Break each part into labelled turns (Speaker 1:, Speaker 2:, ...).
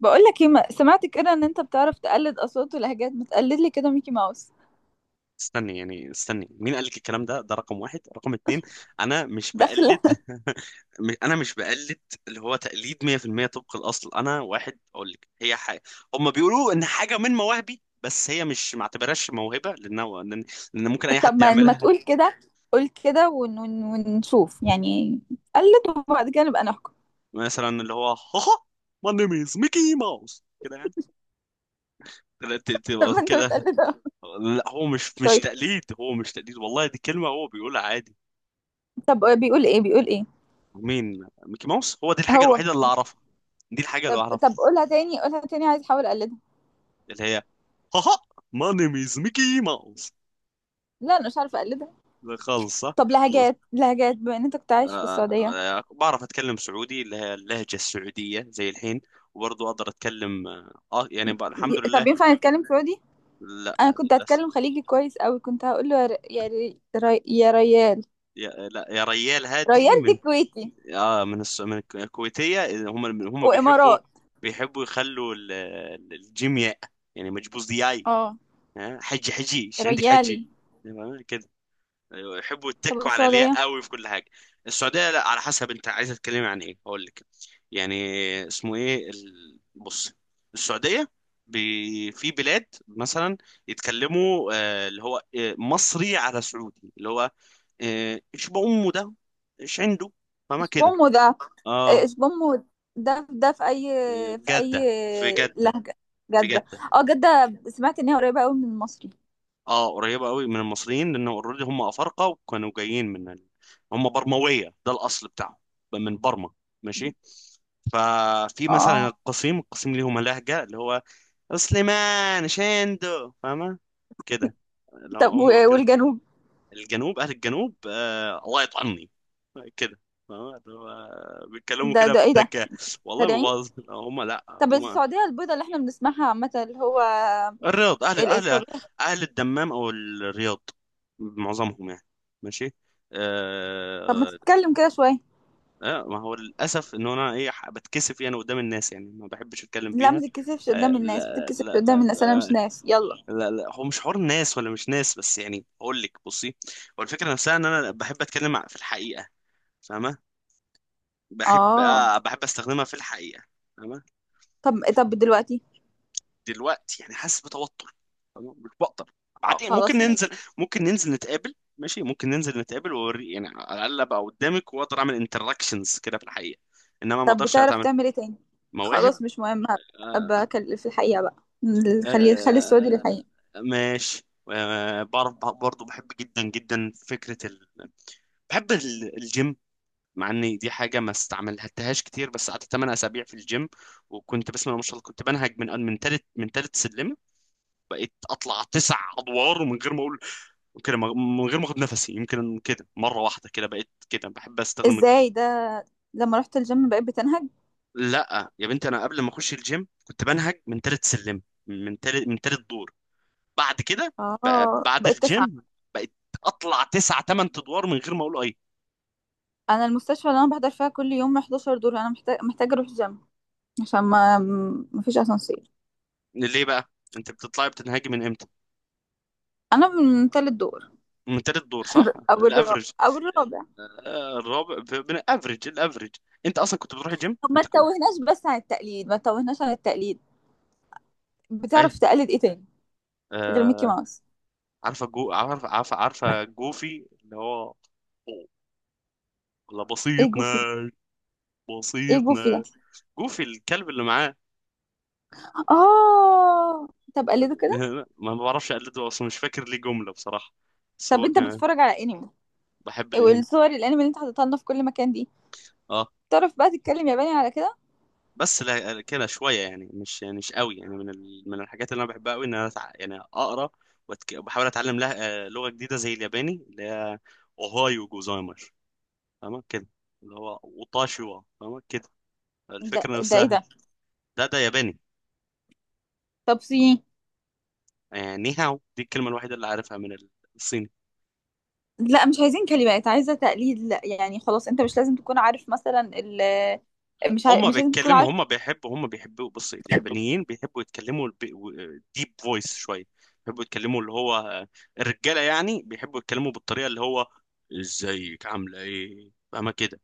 Speaker 1: بقولك ايه؟ سمعت كده ان انت بتعرف تقلد اصوات ولهجات، ما تقلد لي كده ميكي ماوس
Speaker 2: استني. مين قال لك الكلام ده رقم واحد. رقم اتنين، انا مش
Speaker 1: داخل؟
Speaker 2: بقلد. انا مش بقلد. اللي هو تقليد 100% طبق الاصل. انا واحد اقول لك، هي حاجه هم بيقولوا ان حاجه من مواهبي، بس هي مش، ما اعتبرهاش موهبه، لان لان لأن ممكن اي
Speaker 1: طب
Speaker 2: حد
Speaker 1: ما
Speaker 2: يعملها.
Speaker 1: تقول كده، قول كده. ونشوف يعني، قلد وبعد كده نبقى نحكم.
Speaker 2: مثلا اللي هو، هاها، ماي نيم از ميكي ماوس، كده يعني. لا،
Speaker 1: طب ما انت
Speaker 2: كده.
Speaker 1: بتقلد اهو.
Speaker 2: لا، هو مش
Speaker 1: طيب،
Speaker 2: تقليد والله. دي كلمه هو بيقولها عادي.
Speaker 1: طب بيقول ايه؟ بيقول ايه؟
Speaker 2: مين؟ ميكي ماوس. هو دي الحاجه
Speaker 1: هو.
Speaker 2: الوحيده اللي اعرفها. دي الحاجه اللي
Speaker 1: طب
Speaker 2: اعرفها.
Speaker 1: قولها تاني، قولها تاني، عايز احاول اقلدها.
Speaker 2: اللي هي، هاها، ماي نيم از ميكي ماوس.
Speaker 1: لا انا مش عارفه اقلدها.
Speaker 2: خالص صح.
Speaker 1: طب
Speaker 2: و-
Speaker 1: لهجات، بما ان انت كنت عايش في السعوديه،
Speaker 2: بعرف اتكلم سعودي، اللي هي اللهجه السعوديه، زي الحين. وبرضه اقدر اتكلم يعني، الحمد
Speaker 1: طب
Speaker 2: لله.
Speaker 1: ينفع نتكلم سعودي؟
Speaker 2: لا،
Speaker 1: انا كنت
Speaker 2: للاسف.
Speaker 1: هتكلم خليجي كويس قوي، كنت هقول له يا ريال.
Speaker 2: يا، لا، يا ريال، هادي
Speaker 1: ريال دي
Speaker 2: من،
Speaker 1: كويتي
Speaker 2: اه، من الس- من الك- الكويتيه. هم بيحبوا،
Speaker 1: وامارات.
Speaker 2: بيحبوا يخلوا الجيم ياء. يعني مجبوز دياي.
Speaker 1: اه،
Speaker 2: ها؟ حجي حجي، ايش عندك؟ حجي
Speaker 1: ريالي.
Speaker 2: يعني. أيوة، يحبوا
Speaker 1: طب
Speaker 2: يتكوا على الياء
Speaker 1: السعودية؟
Speaker 2: قوي في كل حاجه. السعوديه، لا، على حسب، انت عايزه تتكلمي عن ايه هقول لك. يعني اسمه ايه؟ بص، السعوديه في بلاد مثلا يتكلموا اللي هو، مصري على سعودي، اللي هو ايش بأمه ده، ايش عنده. فما
Speaker 1: مش
Speaker 2: كده.
Speaker 1: بومو ده،
Speaker 2: اه،
Speaker 1: مش بومو ده في أي، في أي
Speaker 2: جده. في جده.
Speaker 1: لهجة؟
Speaker 2: في
Speaker 1: جدة.
Speaker 2: جده.
Speaker 1: اه جدة، سمعت إن هي قريبة أوي من المصري.
Speaker 2: اه، قريبة قوي من المصريين، لأنه اوريدي هم أفارقة، وكانوا جايين من هم برموية، ده الأصل بتاعهم، من برما. ماشي. ففي مثلا
Speaker 1: اه.
Speaker 2: القصيم، القصيم ليهم لهجة، اللي هو سليمان شندو، فاهمة؟ كده. لو
Speaker 1: طب
Speaker 2: هم كده.
Speaker 1: والجنوب؟
Speaker 2: أهل الجنوب، الله يطعني، كده. فاهمة؟ اللي هو بيتكلموا
Speaker 1: ده
Speaker 2: كده
Speaker 1: ده ايه ده؟
Speaker 2: بذكاء. والله ما
Speaker 1: سريعين.
Speaker 2: باظ هم، لا
Speaker 1: طب
Speaker 2: هم.
Speaker 1: السعودية البيضة اللي احنا بنسمعها عامة، اللي هو
Speaker 2: الرياض، اهل اهل
Speaker 1: الطبيعي.
Speaker 2: اهل الدمام او الرياض، معظمهم يعني. ماشي.
Speaker 1: طب ما
Speaker 2: آه
Speaker 1: تتكلم كده شوية.
Speaker 2: آه، ما هو للاسف ان انا، ايه، بتكسف يعني قدام الناس، يعني ما بحبش اتكلم
Speaker 1: لا
Speaker 2: بيها.
Speaker 1: ما تتكسفش
Speaker 2: آه
Speaker 1: قدام الناس، ما
Speaker 2: لا
Speaker 1: تتكسفش
Speaker 2: لا
Speaker 1: قدام
Speaker 2: لا،
Speaker 1: الناس، أنا مش ناس، يلا.
Speaker 2: لا لا، هو مش حوار ناس ولا مش ناس، بس يعني اقول لك، بصي، هو الفكره نفسها ان انا بحب اتكلم، في الحقيقه، فاهمه؟ بحب
Speaker 1: اه.
Speaker 2: آه بحب استخدمها في الحقيقه. فاهمه؟
Speaker 1: طب دلوقتي؟
Speaker 2: دلوقتي يعني حاسس بتوتر. أنا مش بقدر.
Speaker 1: اه
Speaker 2: بعدين ممكن
Speaker 1: خلاص
Speaker 2: ننزل.
Speaker 1: ماشي.
Speaker 2: ممكن ننزل نتقابل، ماشي، ممكن ننزل نتقابل، واوري يعني على الاقل، ابقى قدامك واقدر اعمل انتراكشنز، كده، في الحقيقه. انما ما
Speaker 1: طب
Speaker 2: اقدرش
Speaker 1: بتعرف
Speaker 2: اتعامل.
Speaker 1: تعمل ايه تاني؟
Speaker 2: مواهب.
Speaker 1: خلاص مش مهم،
Speaker 2: آه.
Speaker 1: في الحقيقة بقى. خلي السعودي
Speaker 2: آه.
Speaker 1: للحقيقة.
Speaker 2: آه، ماشي. آه، بعرف برضه. بحب جدا جدا فكره بحب الجيم. مع ان دي حاجه ما استعملتهاش كتير، بس قعدت 8 اسابيع في الجيم، وكنت بسم الله ما شاء الله، كنت بنهج من تالت من تالت سلمه. بقيت اطلع تسع ادوار من غير ما اقول كده، من غير ما اخد نفسي. يمكن كده مره واحده كده بقيت كده بحب استخدم
Speaker 1: ازاي ده؟ لما رحت الجيم بقيت بتنهج؟
Speaker 2: لا يا بنتي، انا قبل ما اخش الجيم كنت بنهج من تالت سلم، من تالت دور. بعد كده،
Speaker 1: اه
Speaker 2: بعد
Speaker 1: بقيت تسعة؟
Speaker 2: الجيم بقيت اطلع تسع تمن ادوار من غير ما اقول اي.
Speaker 1: انا المستشفى اللي انا بحضر فيها كل يوم 11 دور، انا محتاجة اروح الجيم عشان ما فيش اسانسير.
Speaker 2: ليه بقى؟ انت بتطلعي بتنهجي من امتى؟
Speaker 1: انا من تالت دور.
Speaker 2: من تالت دور، صح
Speaker 1: او الرابع،
Speaker 2: الافرج.
Speaker 1: او الرابع.
Speaker 2: آه، الرابع، من الافرج الافرج. انت اصلا كنت بتروح الجيم؟
Speaker 1: طب ما
Speaker 2: انت كنت،
Speaker 1: تتوهناش بس عن التقليد، ما تتوهناش عن التقليد.
Speaker 2: اي.
Speaker 1: بتعرف تقلد ايه تاني غير ميكي
Speaker 2: آه،
Speaker 1: ماوس؟
Speaker 2: عارفه جو عارفه عارفه عارفه جوفي، اللي هو، أوه، لا
Speaker 1: ايه
Speaker 2: بسيطنا،
Speaker 1: جوفي ده؟ ايه جوفي ده؟
Speaker 2: بسيطنا. جوفي الكلب اللي معاه.
Speaker 1: اه. طب قلده كده.
Speaker 2: ما بعرفش اقلده اصلا، مش فاكر ليه جمله بصراحه، بس
Speaker 1: طب
Speaker 2: هو
Speaker 1: انت
Speaker 2: كان.
Speaker 1: بتتفرج على انمي؟
Speaker 2: بحب
Speaker 1: إيه،
Speaker 2: الانمي.
Speaker 1: والصور الانمي اللي انت حاططها لنا في كل مكان دي،
Speaker 2: اه،
Speaker 1: تعرف بقى تتكلم ياباني على كده؟
Speaker 2: بس لا، كده شويه يعني مش قوي يعني، من من الحاجات اللي انا بحبها قوي ان انا، يعني اقرا وبحاول اتعلم لها، لغه جديده زي الياباني، اللي هي اوهايو جوزايمر، فاهمه كده؟ اللي هو اوتاشيوا، فاهمه كده؟
Speaker 1: ده
Speaker 2: الفكره
Speaker 1: ده ايه
Speaker 2: نفسها.
Speaker 1: ده؟
Speaker 2: ده ياباني.
Speaker 1: طب سي.
Speaker 2: ني هاو، دي الكلمة الوحيدة اللي عارفها من الصيني.
Speaker 1: لا مش عايزين كلمات، عايزه تقليد. لا يعني خلاص، انت مش لازم تكون عارف مثلا مش عارف،
Speaker 2: هم
Speaker 1: مش لازم تكون
Speaker 2: بيتكلموا
Speaker 1: عارف.
Speaker 2: هم بيحبوا هم بيحبوا بص، اليابانيين بيحبوا يتكلموا ديب فويس شوية. بيحبوا يتكلموا اللي هو الرجالة يعني بيحبوا يتكلموا بالطريقة اللي هو، ازيك عاملة ايه، فاهمة كده؟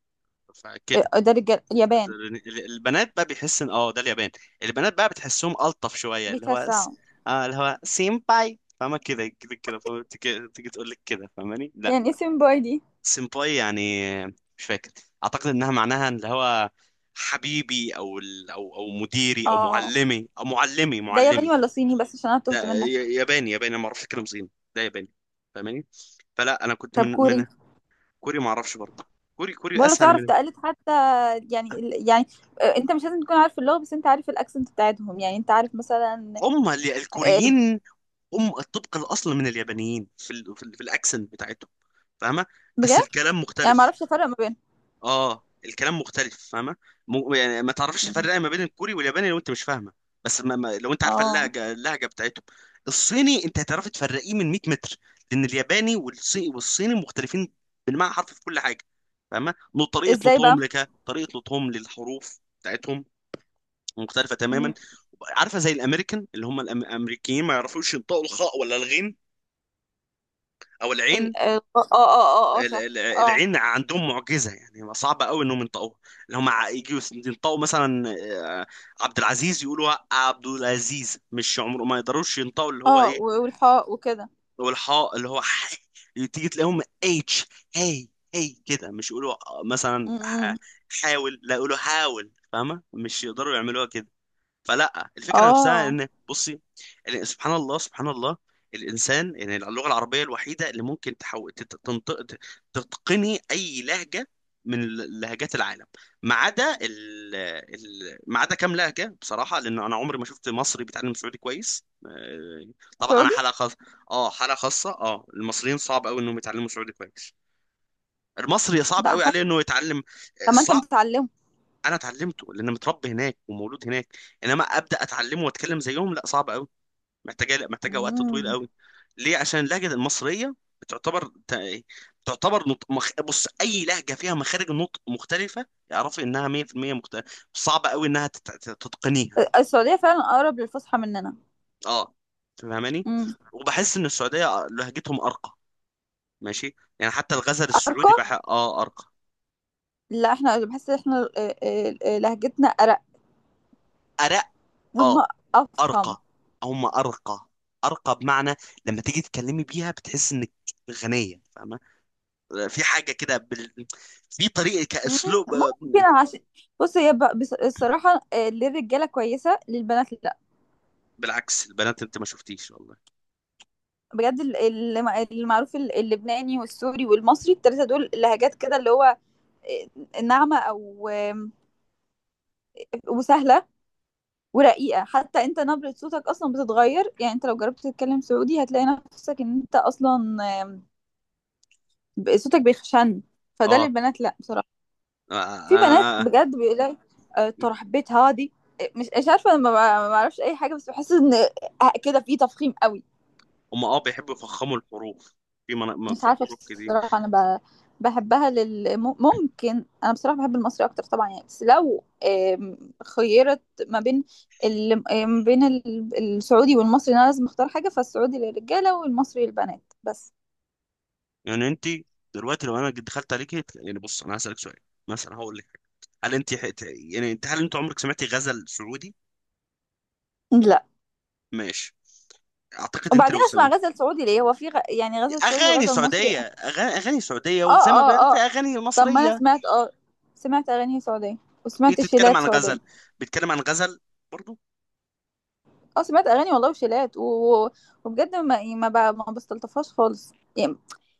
Speaker 2: فكده.
Speaker 1: اه، ده رجال اليابان
Speaker 2: البنات بقى، بيحس ان اه ده اليابان. البنات بقى بتحسهم ألطف شوية، اللي هو
Speaker 1: بيتوسعوا.
Speaker 2: اللي هو سينباي، فاهمة كده كده كده؟ فاهمة؟ تيجي تقول لك كده، فاهماني؟ لا،
Speaker 1: يعني اسم باي دي؟
Speaker 2: سيمباي يعني، مش فاكر، اعتقد انها معناها اللي هو حبيبي، او او مديري، او
Speaker 1: اه،
Speaker 2: معلمي او معلمي
Speaker 1: ده ياباني
Speaker 2: معلمي.
Speaker 1: ولا صيني؟ بس عشان انا تهت
Speaker 2: ده
Speaker 1: منك.
Speaker 2: ياباني، ياباني، ما اعرفش اتكلم صيني. ده ياباني، فاهماني؟ فلا، انا كنت من
Speaker 1: طب كوري؟
Speaker 2: من كوري، ما اعرفش برضه، كوري
Speaker 1: ولا
Speaker 2: اسهل
Speaker 1: تعرف
Speaker 2: من،
Speaker 1: تقلد حتى؟ يعني ال- يعني اه، انت مش لازم تكون عارف اللغه، بس انت عارف الاكسنت بتاعتهم، يعني انت عارف مثلا.
Speaker 2: هم
Speaker 1: اه،
Speaker 2: الكوريين هم الطبق الاصل من اليابانيين في في الاكسنت بتاعتهم، فاهمه؟ بس
Speaker 1: بجد؟
Speaker 2: الكلام
Speaker 1: يعني ما
Speaker 2: مختلف.
Speaker 1: اعرفش افرق ما بينهم.
Speaker 2: اه، الكلام مختلف، فاهمه؟ يعني ما تعرفش
Speaker 1: مم.
Speaker 2: تفرق ما بين الكوري والياباني لو انت مش فاهمه. بس ما... ما... لو انت عارفه
Speaker 1: اه،
Speaker 2: اللهجه بتاعتهم، الصيني انت هتعرف تفرقيه من 100 متر، لان الياباني والصيني مختلفين بالمعنى حرف، في كل حاجه، فاهمه؟ طريقه
Speaker 1: ازاي بقى؟
Speaker 2: نطقهم، لك طريقه نطقهم للحروف بتاعتهم، مختلفه تماما.
Speaker 1: مم.
Speaker 2: عارفه زي الامريكان، اللي هم الامريكيين ما يعرفوش ينطقوا الخاء ولا الغين او العين.
Speaker 1: ال... ال... اه اه اه اه آه، صح. اه.
Speaker 2: العين عندهم معجزه، يعني صعبه قوي انهم ينطقوها. اللي هم يجوا ينطقوا مثلا، آه، عبد العزيز، يقولوا عبد العزيز، مش عمره ما يقدروش ينطقوا اللي هو
Speaker 1: اه
Speaker 2: ايه،
Speaker 1: والحاء وكده.
Speaker 2: اللي هو الحاء، اللي هو ح، تيجي تلاقيهم اتش، هي، هي كده، مش يقولوا مثلا
Speaker 1: مم.
Speaker 2: حاول، لا يقولوا حاول، فاهمه؟ مش يقدروا يعملوها كده. فلا، الفكره نفسها
Speaker 1: اه،
Speaker 2: ان، بصي، سبحان الله، سبحان الله، الانسان يعني اللغه العربيه الوحيده اللي ممكن تنطق، تتقني اي لهجه من لهجات العالم، ما عدا ما عدا كام لهجه بصراحه، لان انا عمري ما شفت مصري بيتعلم سعودي كويس، طبعا انا
Speaker 1: سعودي.
Speaker 2: حلقه خاصه. اه، حلقه خاصه، اه، المصريين صعب قوي انهم يتعلموا سعودي كويس، المصري صعب
Speaker 1: ده
Speaker 2: قوي
Speaker 1: حتى
Speaker 2: عليه انه يتعلم.
Speaker 1: طب ما انت متعلمه.
Speaker 2: انا اتعلمته لان متربي هناك ومولود هناك، انما ابدا اتعلمه واتكلم زيهم، لا، صعب قوي. محتاجه محتاجه وقت طويل
Speaker 1: مم.
Speaker 2: قوي. ليه؟ عشان اللهجه المصريه بتعتبر تعتبر، بص، اي لهجه فيها مخارج النطق مختلفه، اعرفي انها 100% مختلفه، صعب قوي انها تتقنيها.
Speaker 1: السعودية فعلا اقرب للفصحى مننا.
Speaker 2: اه، فاهماني؟
Speaker 1: مم.
Speaker 2: وبحس ان السعوديه لهجتهم ارقى، ماشي يعني، حتى الغزل السعودي
Speaker 1: ارقى.
Speaker 2: بح... اه ارقى.
Speaker 1: لا احنا بحس ان احنا لهجتنا ارق.
Speaker 2: ارق.
Speaker 1: هم.
Speaker 2: اه،
Speaker 1: افخم.
Speaker 2: ارقى. هم ارقى. ارقى بمعنى، لما تيجي تتكلمي بيها، بتحس انك غنيه، فاهمه؟ في حاجه كده في طريقه،
Speaker 1: مم.
Speaker 2: كاسلوب.
Speaker 1: ممكن عشان بص هي الصراحة للرجالة كويسة، للبنات لأ.
Speaker 2: بالعكس البنات، انت ما شفتيش، والله.
Speaker 1: بجد المعروف اللبناني والسوري والمصري، التلاتة دول لهجات كده اللي هو ناعمة أو وسهلة ورقيقة. حتى انت نبرة صوتك أصلا بتتغير، يعني انت لو جربت تتكلم سعودي هتلاقي نفسك ان انت أصلا، صوتك بيخشن. فده
Speaker 2: اه،
Speaker 1: للبنات لأ بصراحة.
Speaker 2: آه،
Speaker 1: في بنات
Speaker 2: آه. آه،
Speaker 1: بجد بيقولك ترحبيت هادي. مش عارفة، ما اعرفش أي حاجة، بس بحس ان كده في تفخيم قوي.
Speaker 2: هم، اه، بيحبوا يفخموا الحروف. في
Speaker 1: مش
Speaker 2: في
Speaker 1: عارفة
Speaker 2: حروف كده.
Speaker 1: بصراحة. بحبها لل ممكن. أنا بصراحة بحب المصري أكتر طبعا يعني، بس لو خيرت ما بين ال... ما بين السعودي والمصري، أنا لازم أختار حاجة، فالسعودي للرجالة والمصري للبنات بس.
Speaker 2: يعني انت دلوقتي، لو انا دخلت عليك، يعني بص انا هسالك سؤال، مثلا هقول لك حاجه، هل انت حت... يعني انت هل انت عمرك سمعتي غزل سعودي؟
Speaker 1: لا،
Speaker 2: ماشي. اعتقد انت
Speaker 1: وبعدين
Speaker 2: لو
Speaker 1: أسمع غزل سعودي ليه؟ هو في يعني غزل سعودي
Speaker 2: اغاني
Speaker 1: وغزل مصري؟
Speaker 2: سعوديه، اغاني سعوديه،
Speaker 1: آه
Speaker 2: وزي ما
Speaker 1: آه
Speaker 2: بيقولوا في
Speaker 1: آه،
Speaker 2: اغاني
Speaker 1: طب ما أنا
Speaker 2: مصريه،
Speaker 1: سمعت، آه سمعت أغاني سعودية وسمعت
Speaker 2: بتتكلم
Speaker 1: شيلات
Speaker 2: عن غزل،
Speaker 1: سعودية.
Speaker 2: بيتكلم عن غزل برضو.
Speaker 1: اه سمعت اغاني والله وشيلات وبجد ما بستلطفهاش خالص يعني.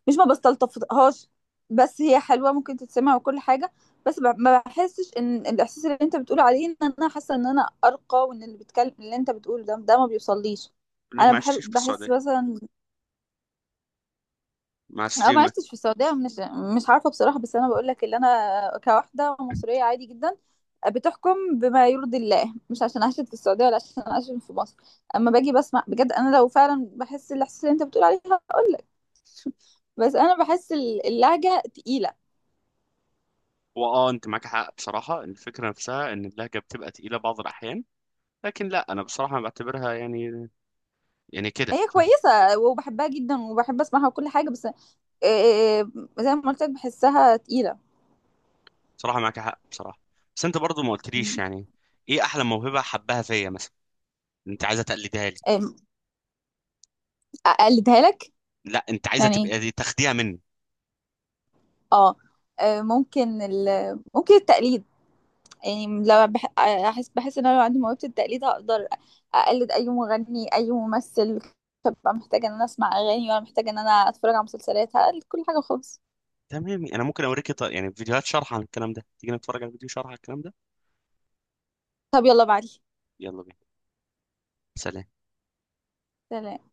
Speaker 1: مش ما بستلطفهاش، بس هي حلوه ممكن تتسمع وكل حاجه، ما بحسش ان الاحساس اللي انت بتقول عليه ان انا حاسه ان انا ارقى، وان اللي بتكلم اللي انت بتقوله ده ما بيوصليش.
Speaker 2: انك
Speaker 1: انا
Speaker 2: ما
Speaker 1: بحب
Speaker 2: عشتيش في
Speaker 1: بحس
Speaker 2: السعوديه،
Speaker 1: مثلا
Speaker 2: مع
Speaker 1: انا ما
Speaker 2: ستيمة.
Speaker 1: عشتش في السعوديه، مش عارفه بصراحه، بس انا بقول لك اللي انا كواحده مصريه عادي جدا بتحكم بما يرضي الله، مش عشان عشت في السعودية ولا عشان عشت في مصر. اما باجي بسمع بجد انا لو فعلا بحس الاحساس اللي انت بتقول عليه ده، بس انا بحس اللهجة تقيلة.
Speaker 2: واه، انت معك حق بصراحه، إن الفكره نفسها ان اللهجه بتبقى تقيله بعض الاحيان، لكن لا، انا بصراحه بعتبرها يعني، يعني كده،
Speaker 1: هي
Speaker 2: فاهم؟
Speaker 1: كويسة وبحبها جدا وبحب اسمعها وكل حاجة، بس آه، آه، زي ما قلت لك بحسها تقيلة.
Speaker 2: بصراحه معك حق بصراحه، بس انت برضو ما قلتليش
Speaker 1: م.
Speaker 2: يعني ايه احلى موهبه حباها فيا، مثلا انت عايزه تقلدها لي،
Speaker 1: آه، اقلدها لك؟
Speaker 2: لا انت عايزه
Speaker 1: يعني
Speaker 2: تبقى
Speaker 1: ايه؟
Speaker 2: دي تاخديها مني.
Speaker 1: اه، آه، ممكن ال... ممكن التقليد، يعني لما احس بحس ان انا لو عندي موهبة التقليد هقدر اقلد اي مغني اي ممثل، فببقى محتاجة ان انا اسمع اغاني ولا محتاجة ان انا اتفرج على مسلسلات، هقلد كل حاجة خالص.
Speaker 2: تمام، انا ممكن اوريك، يعني فيديوهات شرح عن الكلام ده، تيجي نتفرج على فيديو شرح عن الكلام ده.
Speaker 1: طب يلا بعدي.
Speaker 2: يلا بينا. سلام.
Speaker 1: سلام.